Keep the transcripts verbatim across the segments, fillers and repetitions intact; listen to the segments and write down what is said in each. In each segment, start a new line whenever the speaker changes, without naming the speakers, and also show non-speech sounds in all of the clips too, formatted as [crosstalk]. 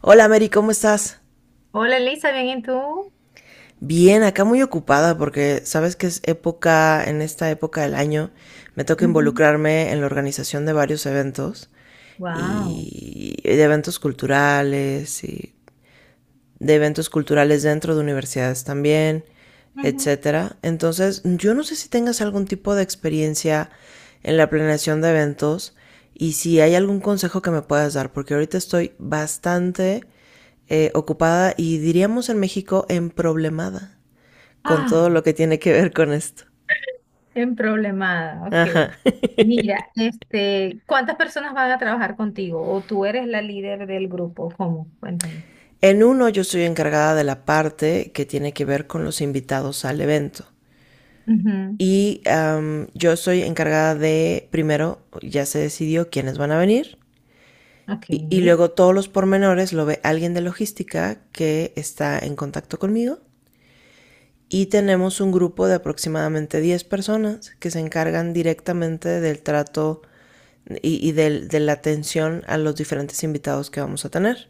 Hola Mary, ¿cómo estás?
Hola Elisa, ¿bien y tú?
Bien, acá muy ocupada porque sabes que es época, en esta época del año, me toca involucrarme en la organización de varios eventos
Wow.
y de eventos culturales y de eventos culturales dentro de universidades también, etcétera. Entonces, yo no sé si tengas algún tipo de experiencia en la planeación de eventos y si hay algún consejo que me puedas dar, porque ahorita estoy bastante eh, ocupada y diríamos en México emproblemada con todo
Ah,
lo que tiene que ver con esto.
bien problemada,
Ajá.
ok. Mira, este, ¿cuántas personas van a trabajar contigo? ¿O tú eres la líder del grupo? ¿Cómo? Cuéntame.
En uno yo estoy encargada de la parte que tiene que ver con los invitados al evento.
Ujú.
Y am, yo soy encargada de, primero, ya se decidió quiénes van a venir.
Ok.
Y, y luego todos los pormenores lo ve alguien de logística que está en contacto conmigo. Y tenemos un grupo de aproximadamente diez personas que se encargan directamente del trato y, y del- de la atención a los diferentes invitados que vamos a tener.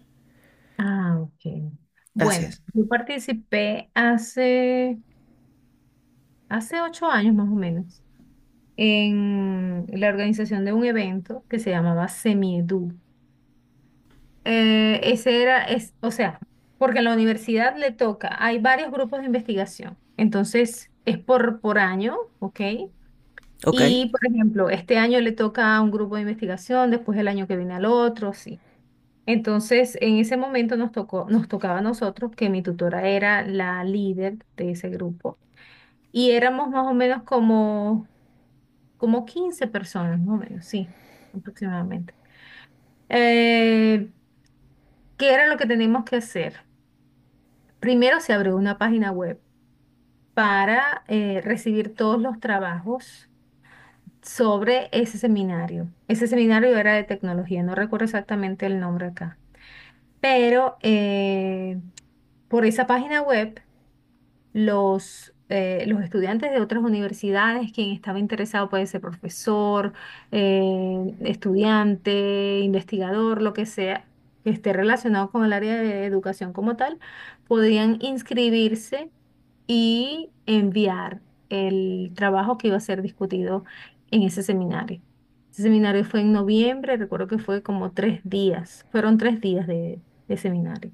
Ah, ok.
Así
Bueno,
es.
yo participé hace, hace ocho años más o menos en la organización de un evento que se llamaba Semiedu. Eh, ese era, es, o sea, porque en la universidad le toca, hay varios grupos de investigación, entonces es por, por año, ¿ok?
Ok.
Y, por ejemplo, este año le toca a un grupo de investigación, después el año que viene al otro, sí. Entonces, en ese momento nos tocó, nos tocaba a nosotros, que mi tutora era la líder de ese grupo, y éramos más o menos como, como quince personas, más o menos, sí, aproximadamente. Eh, ¿Qué era lo que teníamos que hacer? Primero se abrió una página web para eh, recibir todos los trabajos sobre ese seminario. Ese seminario era de tecnología, no recuerdo exactamente el nombre acá, pero eh, por esa página web los, eh, los estudiantes de otras universidades, quien estaba interesado puede ser profesor, eh, estudiante, investigador, lo que sea, que esté relacionado con el área de educación como tal, podían inscribirse y enviar el trabajo que iba a ser discutido en ese seminario. Ese seminario fue en noviembre, recuerdo que fue como tres días, fueron tres días de, de seminario.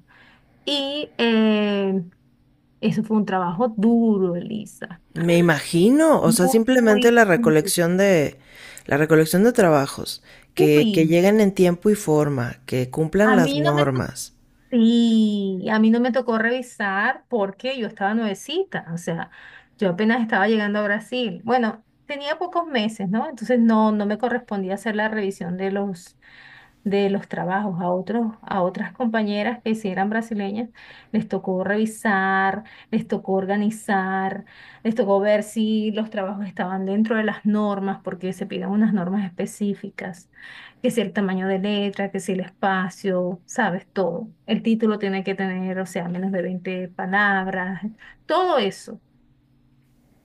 Y eh, eso fue un trabajo duro, Elisa.
Me imagino, o sea, simplemente
Muy
la
duro.
recolección de la recolección de trabajos que, que
Uy,
lleguen en tiempo y forma, que cumplan
a
las
mí no me tocó.
normas.
Y a mí no me tocó revisar porque yo estaba nuevecita, o sea, yo apenas estaba llegando a Brasil. Bueno, tenía pocos meses, ¿no? Entonces no, no me correspondía hacer la revisión de los de los trabajos a otros, a otras compañeras que sí eran brasileñas, les tocó revisar, les tocó organizar, les tocó ver si los trabajos estaban dentro de las normas, porque se piden unas normas específicas, que si el tamaño de letra, que si el espacio, sabes, todo. El título tiene que tener, o sea, menos de veinte palabras, todo eso.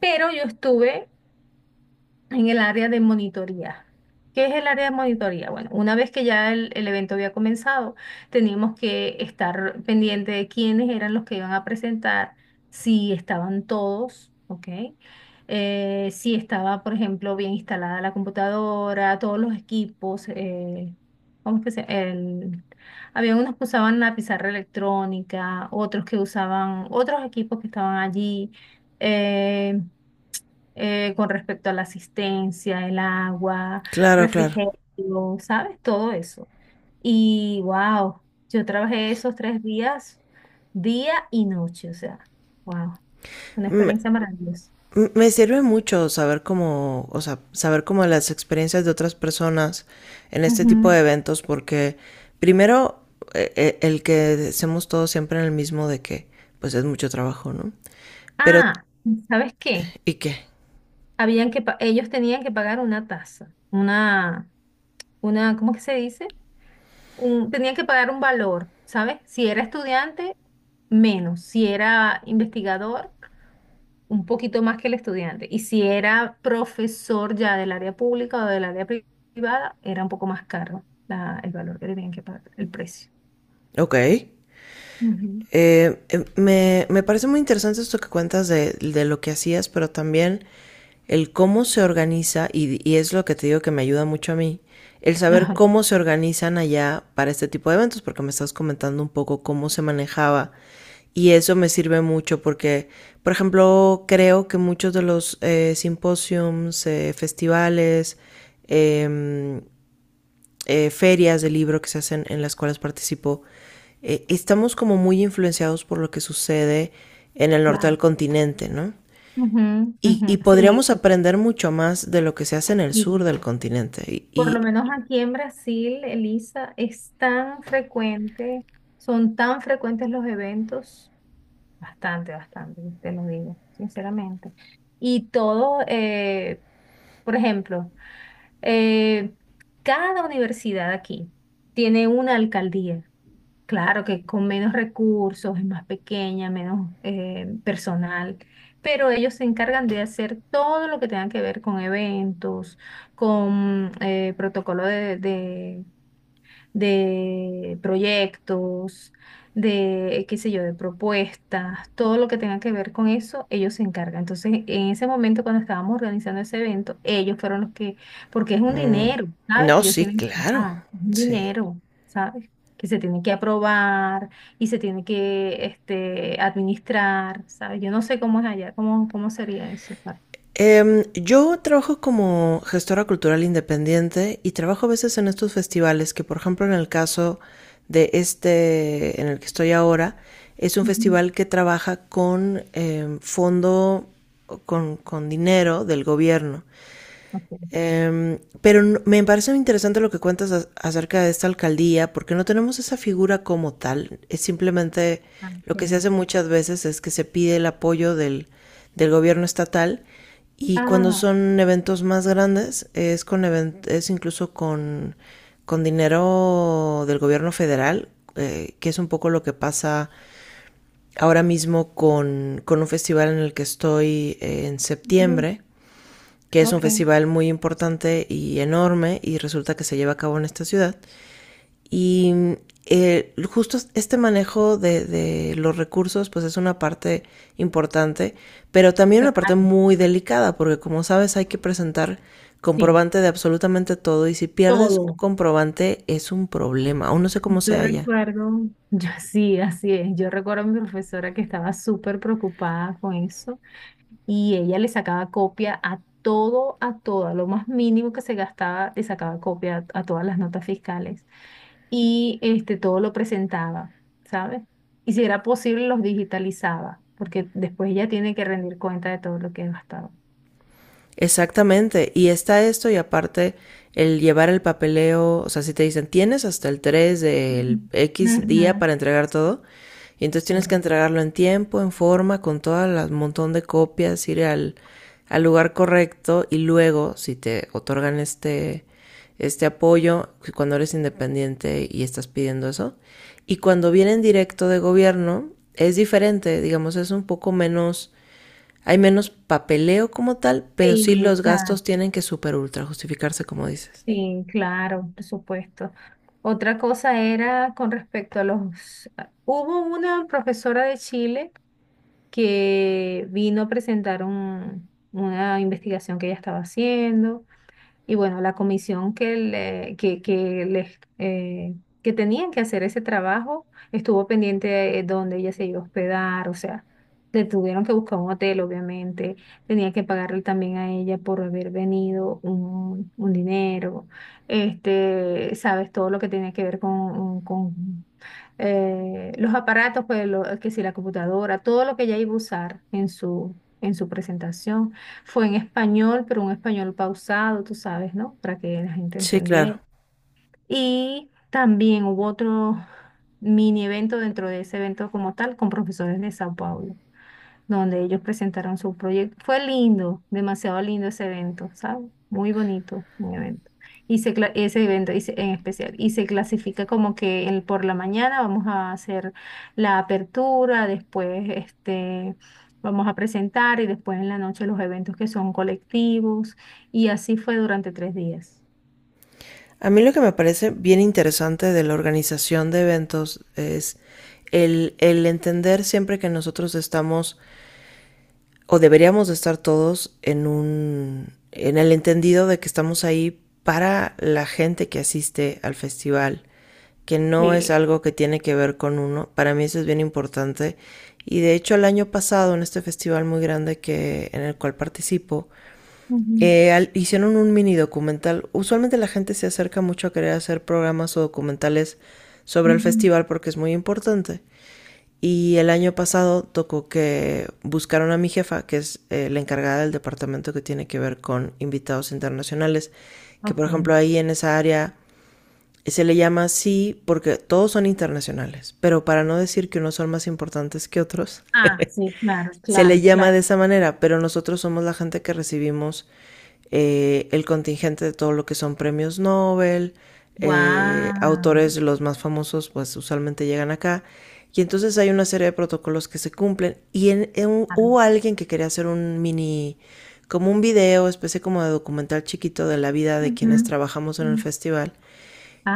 Pero yo estuve en el área de monitoría. ¿Qué es el área de monitoría? Bueno, una vez que ya el, el evento había comenzado, teníamos que estar pendiente de quiénes eran los que iban a presentar, si estaban todos, ¿ok? Eh, si estaba, por ejemplo, bien instalada la computadora, todos los equipos, eh, ¿cómo es que se? El, había unos que usaban la pizarra electrónica, otros que usaban otros equipos que estaban allí. eh, eh, con respecto a la asistencia, el agua,
Claro, claro.
refrigerio, ¿sabes? Todo eso. Y wow, yo trabajé esos tres días, día y noche, o sea, wow, una
Me,
experiencia maravillosa.
me sirve mucho saber cómo, o sea, saber cómo las experiencias de otras personas en este tipo
Ujú.
de eventos, porque primero eh, eh, el que hacemos todos siempre en el mismo de que, pues es mucho trabajo, ¿no? Pero,
Ah, ¿sabes qué?
¿y qué?
Habían que pa- ellos tenían que pagar una tasa, una, una, ¿cómo que se dice? Un, tenían que pagar un valor, ¿sabes? Si era estudiante, menos. Si era investigador, un poquito más que el estudiante. Y si era profesor ya del área pública o del área pri- privada, era un poco más caro la- el valor que tenían que pagar, el precio.
Ok.
Ujú.
Eh, eh, me, me parece muy interesante esto que cuentas de, de lo que hacías, pero también el cómo se organiza, y, y es lo que te digo que me ayuda mucho a mí, el saber
Ajá,
cómo se organizan allá para este tipo de eventos, porque me estás comentando un poco cómo se manejaba. Y eso me sirve mucho porque, por ejemplo, creo que muchos de los eh, simposiums, eh, festivales, em, eh, ferias de libro que se hacen en las cuales participo, eh, estamos como muy influenciados por lo que sucede en el norte del
claro.
continente, ¿no?
Ujú,
Y,
ujú.
y
Sí,
podríamos aprender mucho más de lo que se hace en el sur
sí.
del continente. Y,
Por lo
y
menos aquí en Brasil, Elisa, es tan frecuente, son tan frecuentes los eventos. Bastante, bastante, te lo digo, sinceramente. Y todo, eh, por ejemplo, Eh, cada universidad aquí tiene una alcaldía. Claro que con menos recursos, es más pequeña, menos eh, personal, pero ellos se encargan de hacer todo lo que tenga que ver con eventos, con eh, protocolo de, de de proyectos, de, qué sé yo, de propuestas, todo lo que tenga que ver con eso, ellos se encargan. Entonces, en ese momento cuando estábamos organizando ese evento, ellos fueron los que, porque es un dinero, ¿sabes?
no,
Que ellos
sí,
tienen que
claro,
pagar, es un
sí.
dinero, ¿sabes? Que se tiene que aprobar y se tiene que este, administrar, ¿sabes? Yo no sé cómo es allá, cómo, cómo sería eso.
Em, yo trabajo como gestora cultural independiente y trabajo a veces en estos festivales que, por ejemplo, en el caso de este en el que estoy ahora, es un
Ujú.
festival que trabaja con em, fondo, con, con dinero del gobierno.
Ok.
Em, pero n- me parece muy interesante lo que cuentas a- acerca de esta alcaldía, porque no tenemos esa figura como tal. Es simplemente
Ah,
lo que se
ok.
hace muchas veces es que se pide el apoyo del, del gobierno estatal y cuando
Ah,
son eventos más grandes es con event- es incluso con, con dinero del gobierno federal, eh, que es un poco lo que pasa ahora mismo con, con un festival en el que estoy eh, en
ujú,
septiembre que es un
ok.
festival muy importante y enorme y resulta que se lleva a cabo en esta ciudad. Y eh, justo este manejo de, de, los recursos pues es una parte importante, pero también una parte
Claro,
muy delicada porque como sabes hay que presentar
sí,
comprobante de absolutamente todo y si pierdes un
todo.
comprobante es un problema, aún no sé cómo
Yo
sea allá.
recuerdo, yo [laughs] sí, así es. Yo recuerdo a mi profesora que estaba súper preocupada con eso y ella le sacaba copia a todo, a todo, a lo más mínimo que se gastaba, le sacaba copia a, a todas las notas fiscales y este, todo lo presentaba, ¿sabes? Y si era posible, los digitalizaba, porque después ella tiene que rendir cuenta de todo lo que ha gastado.
Exactamente, y está esto y aparte el llevar el papeleo, o sea, si te dicen tienes hasta el tres
Ujú.
del X
Ujú.
día para entregar todo, y entonces tienes
Sí.
que entregarlo en tiempo, en forma, con todas las montón de copias, ir al, al lugar correcto y luego si te otorgan este, este apoyo, si cuando eres independiente y estás pidiendo eso, y cuando vienen directo de gobierno es diferente, digamos, es un poco menos, hay menos papeleo como tal, pero sí
Sí,
los
claro.
gastos tienen que super ultra justificarse, como dices.
Sí, claro, por supuesto. Otra cosa era con respecto a los... a- Hubo una profesora de Chile que vino a presentar un- una investigación que ella estaba haciendo. Y bueno, la comisión que, le- que, que, les, eh, que tenían que hacer ese trabajo estuvo pendiente de dónde ella se iba a hospedar, o sea, le tuvieron que buscar un hotel, obviamente, tenía que pagarle también a ella por haber venido un, un dinero, este, sabes, todo lo que tenía que ver con, con eh, los aparatos, pues lo- que si la computadora, todo lo que ella iba a usar en su, en su presentación fue en español, pero un español pausado, tú sabes, ¿no? Para que la gente
Sí, claro.
entendiera. Y también hubo otro mini evento dentro de ese evento como tal con profesores de Sao Paulo donde ellos presentaron su proyecto. Fue lindo, demasiado lindo ese evento, ¿sabes? Muy bonito, muy evento. Y se, cla- ese evento y se- en especial. Y se clasifica como que el, por la mañana vamos a hacer la apertura, después este, vamos a presentar y después en la noche los eventos que son colectivos. Y así fue durante tres días.
A mí lo que me parece bien interesante de la organización de eventos es el, el entender siempre que nosotros estamos o deberíamos de estar todos en un en el entendido de que estamos ahí para la gente que asiste al festival, que no es
Sí.
algo que tiene que ver con uno. Para mí eso es bien importante. Y de hecho el año pasado en este festival muy grande que en el cual participo,
Ujú,
eh, al, hicieron un mini documental. Usualmente la gente se acerca mucho a querer hacer programas o documentales sobre el
ujú.
festival porque es muy importante. Y el año pasado tocó que buscaron a mi jefa, que es eh, la encargada del departamento que tiene que ver con invitados internacionales, que
Ok.
por ejemplo ahí en esa área se le llama así porque todos son internacionales, pero para no decir que unos son más importantes que otros,
Ah, sí, claro,
se le
claro,
llama
claro.
de esa manera, pero nosotros somos la gente que recibimos eh, el contingente de todo lo que son premios Nobel, eh,
Wow.
autores los más famosos pues usualmente llegan acá. Y entonces hay una serie de protocolos que se cumplen. Y en, en, hubo alguien que quería hacer un mini, como un video, especie como de documental chiquito de la vida de quienes trabajamos en el
Ujú.
festival.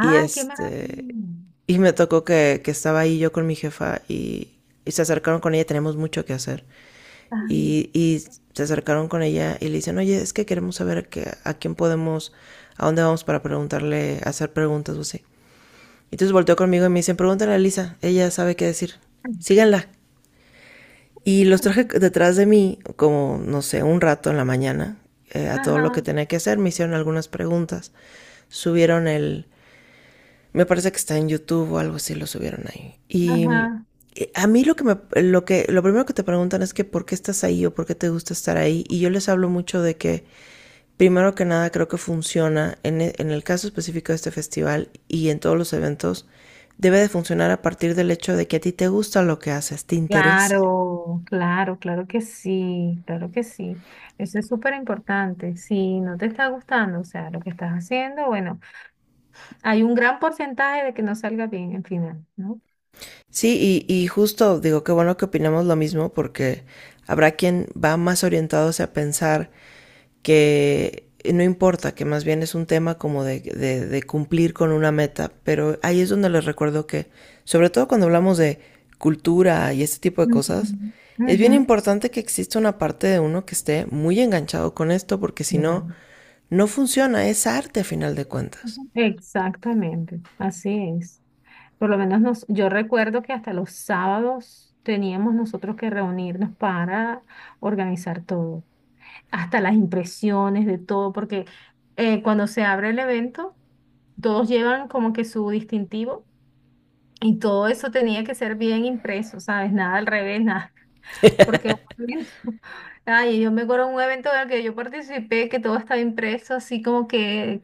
Y
qué maravilla.
este, y me tocó que, que estaba ahí yo con mi jefa y, y se acercaron con ella, tenemos mucho que hacer.
Ay.
Y, y se acercaron con ella y le dicen, oye, es que queremos saber que, a quién podemos, a dónde vamos para preguntarle, hacer preguntas o así. Entonces volteó conmigo y me dicen, pregúntale a Lisa, ella sabe qué decir, síganla. Y los traje detrás de mí, como, no sé, un rato en la mañana, eh, a todo lo que
Ajá,
tenía que hacer, me hicieron algunas preguntas, subieron el, me parece que está en YouTube o algo así, lo subieron ahí. Y
ajá.
eh, a mí lo que me, lo que, lo primero que te preguntan es que por qué estás ahí o por qué te gusta estar ahí. Y yo les hablo mucho de que, primero que nada, creo que funciona en, e, en el caso específico de este festival y en todos los eventos, debe de funcionar a partir del hecho de que a ti te gusta lo que haces, te interesa.
Claro, claro, claro que sí, claro que sí. Eso es súper importante. Si no te está gustando, o sea, lo que estás haciendo, bueno, hay un gran porcentaje de que no salga bien al final, ¿no?
Sí, y, y justo digo, qué bueno que opinamos lo mismo porque habrá quien va más orientado a pensar que no importa, que más bien es un tema como de, de, de cumplir con una meta, pero ahí es donde les recuerdo que, sobre todo cuando hablamos de cultura y este tipo de
Ujú,
cosas, es
ujú,
bien importante que exista una parte de uno que esté muy enganchado con esto porque si no,
claro.
no funciona, es arte a final de cuentas.
Ujú. Exactamente, así es. Por lo menos nos, yo recuerdo que hasta los sábados teníamos nosotros que reunirnos para organizar todo. Hasta las impresiones de todo, porque eh, cuando se abre el evento, todos llevan como que su distintivo y todo eso tenía que ser bien impreso, ¿sabes? Nada al revés, nada, [laughs] porque un evento- [laughs] ay, yo me acuerdo de un evento en el que yo participé que todo estaba impreso así como que,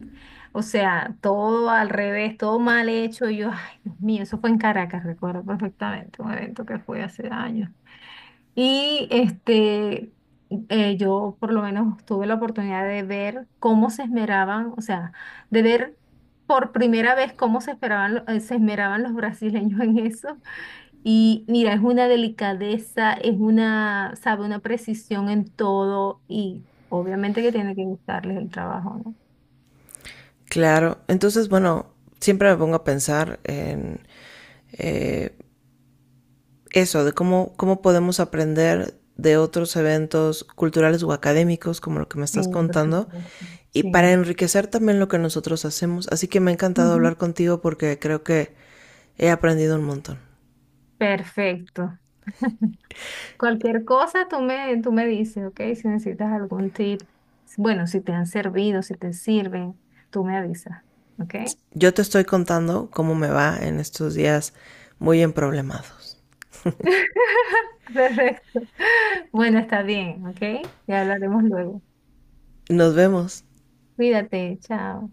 o sea, todo al revés, todo mal hecho, y yo, ay, Dios mío, eso fue en Caracas, recuerdo perfectamente, un evento que fue hace años. Y este, eh, yo por lo menos tuve la oportunidad de ver cómo se esmeraban, o sea, de ver por primera vez cómo se esperaban, lo- eh, se esmeraban los brasileños en eso. Y mira, es una delicadeza, es una, sabe, una precisión en todo y obviamente que tiene que gustarles el trabajo, ¿no?
Claro, entonces bueno, siempre me pongo a pensar en eh, eso, de cómo, cómo podemos aprender de otros eventos culturales o académicos, como lo que me
Sí,
estás
por
contando,
supuesto.
y para
Sí.
enriquecer también lo que nosotros hacemos. Así que me ha encantado
Ujú.
hablar contigo porque creo que he aprendido un montón.
Perfecto. Cualquier cosa tú me, tú me dices, ¿ok? Si necesitas algún tip, bueno, si te han servido, si te sirven, tú me avisas, ¿ok?
Yo te estoy contando cómo me va en estos días muy emproblemados.
[laughs] Perfecto. Bueno, está bien, ¿ok? Ya hablaremos luego.
Nos vemos.
Cuídate, chao.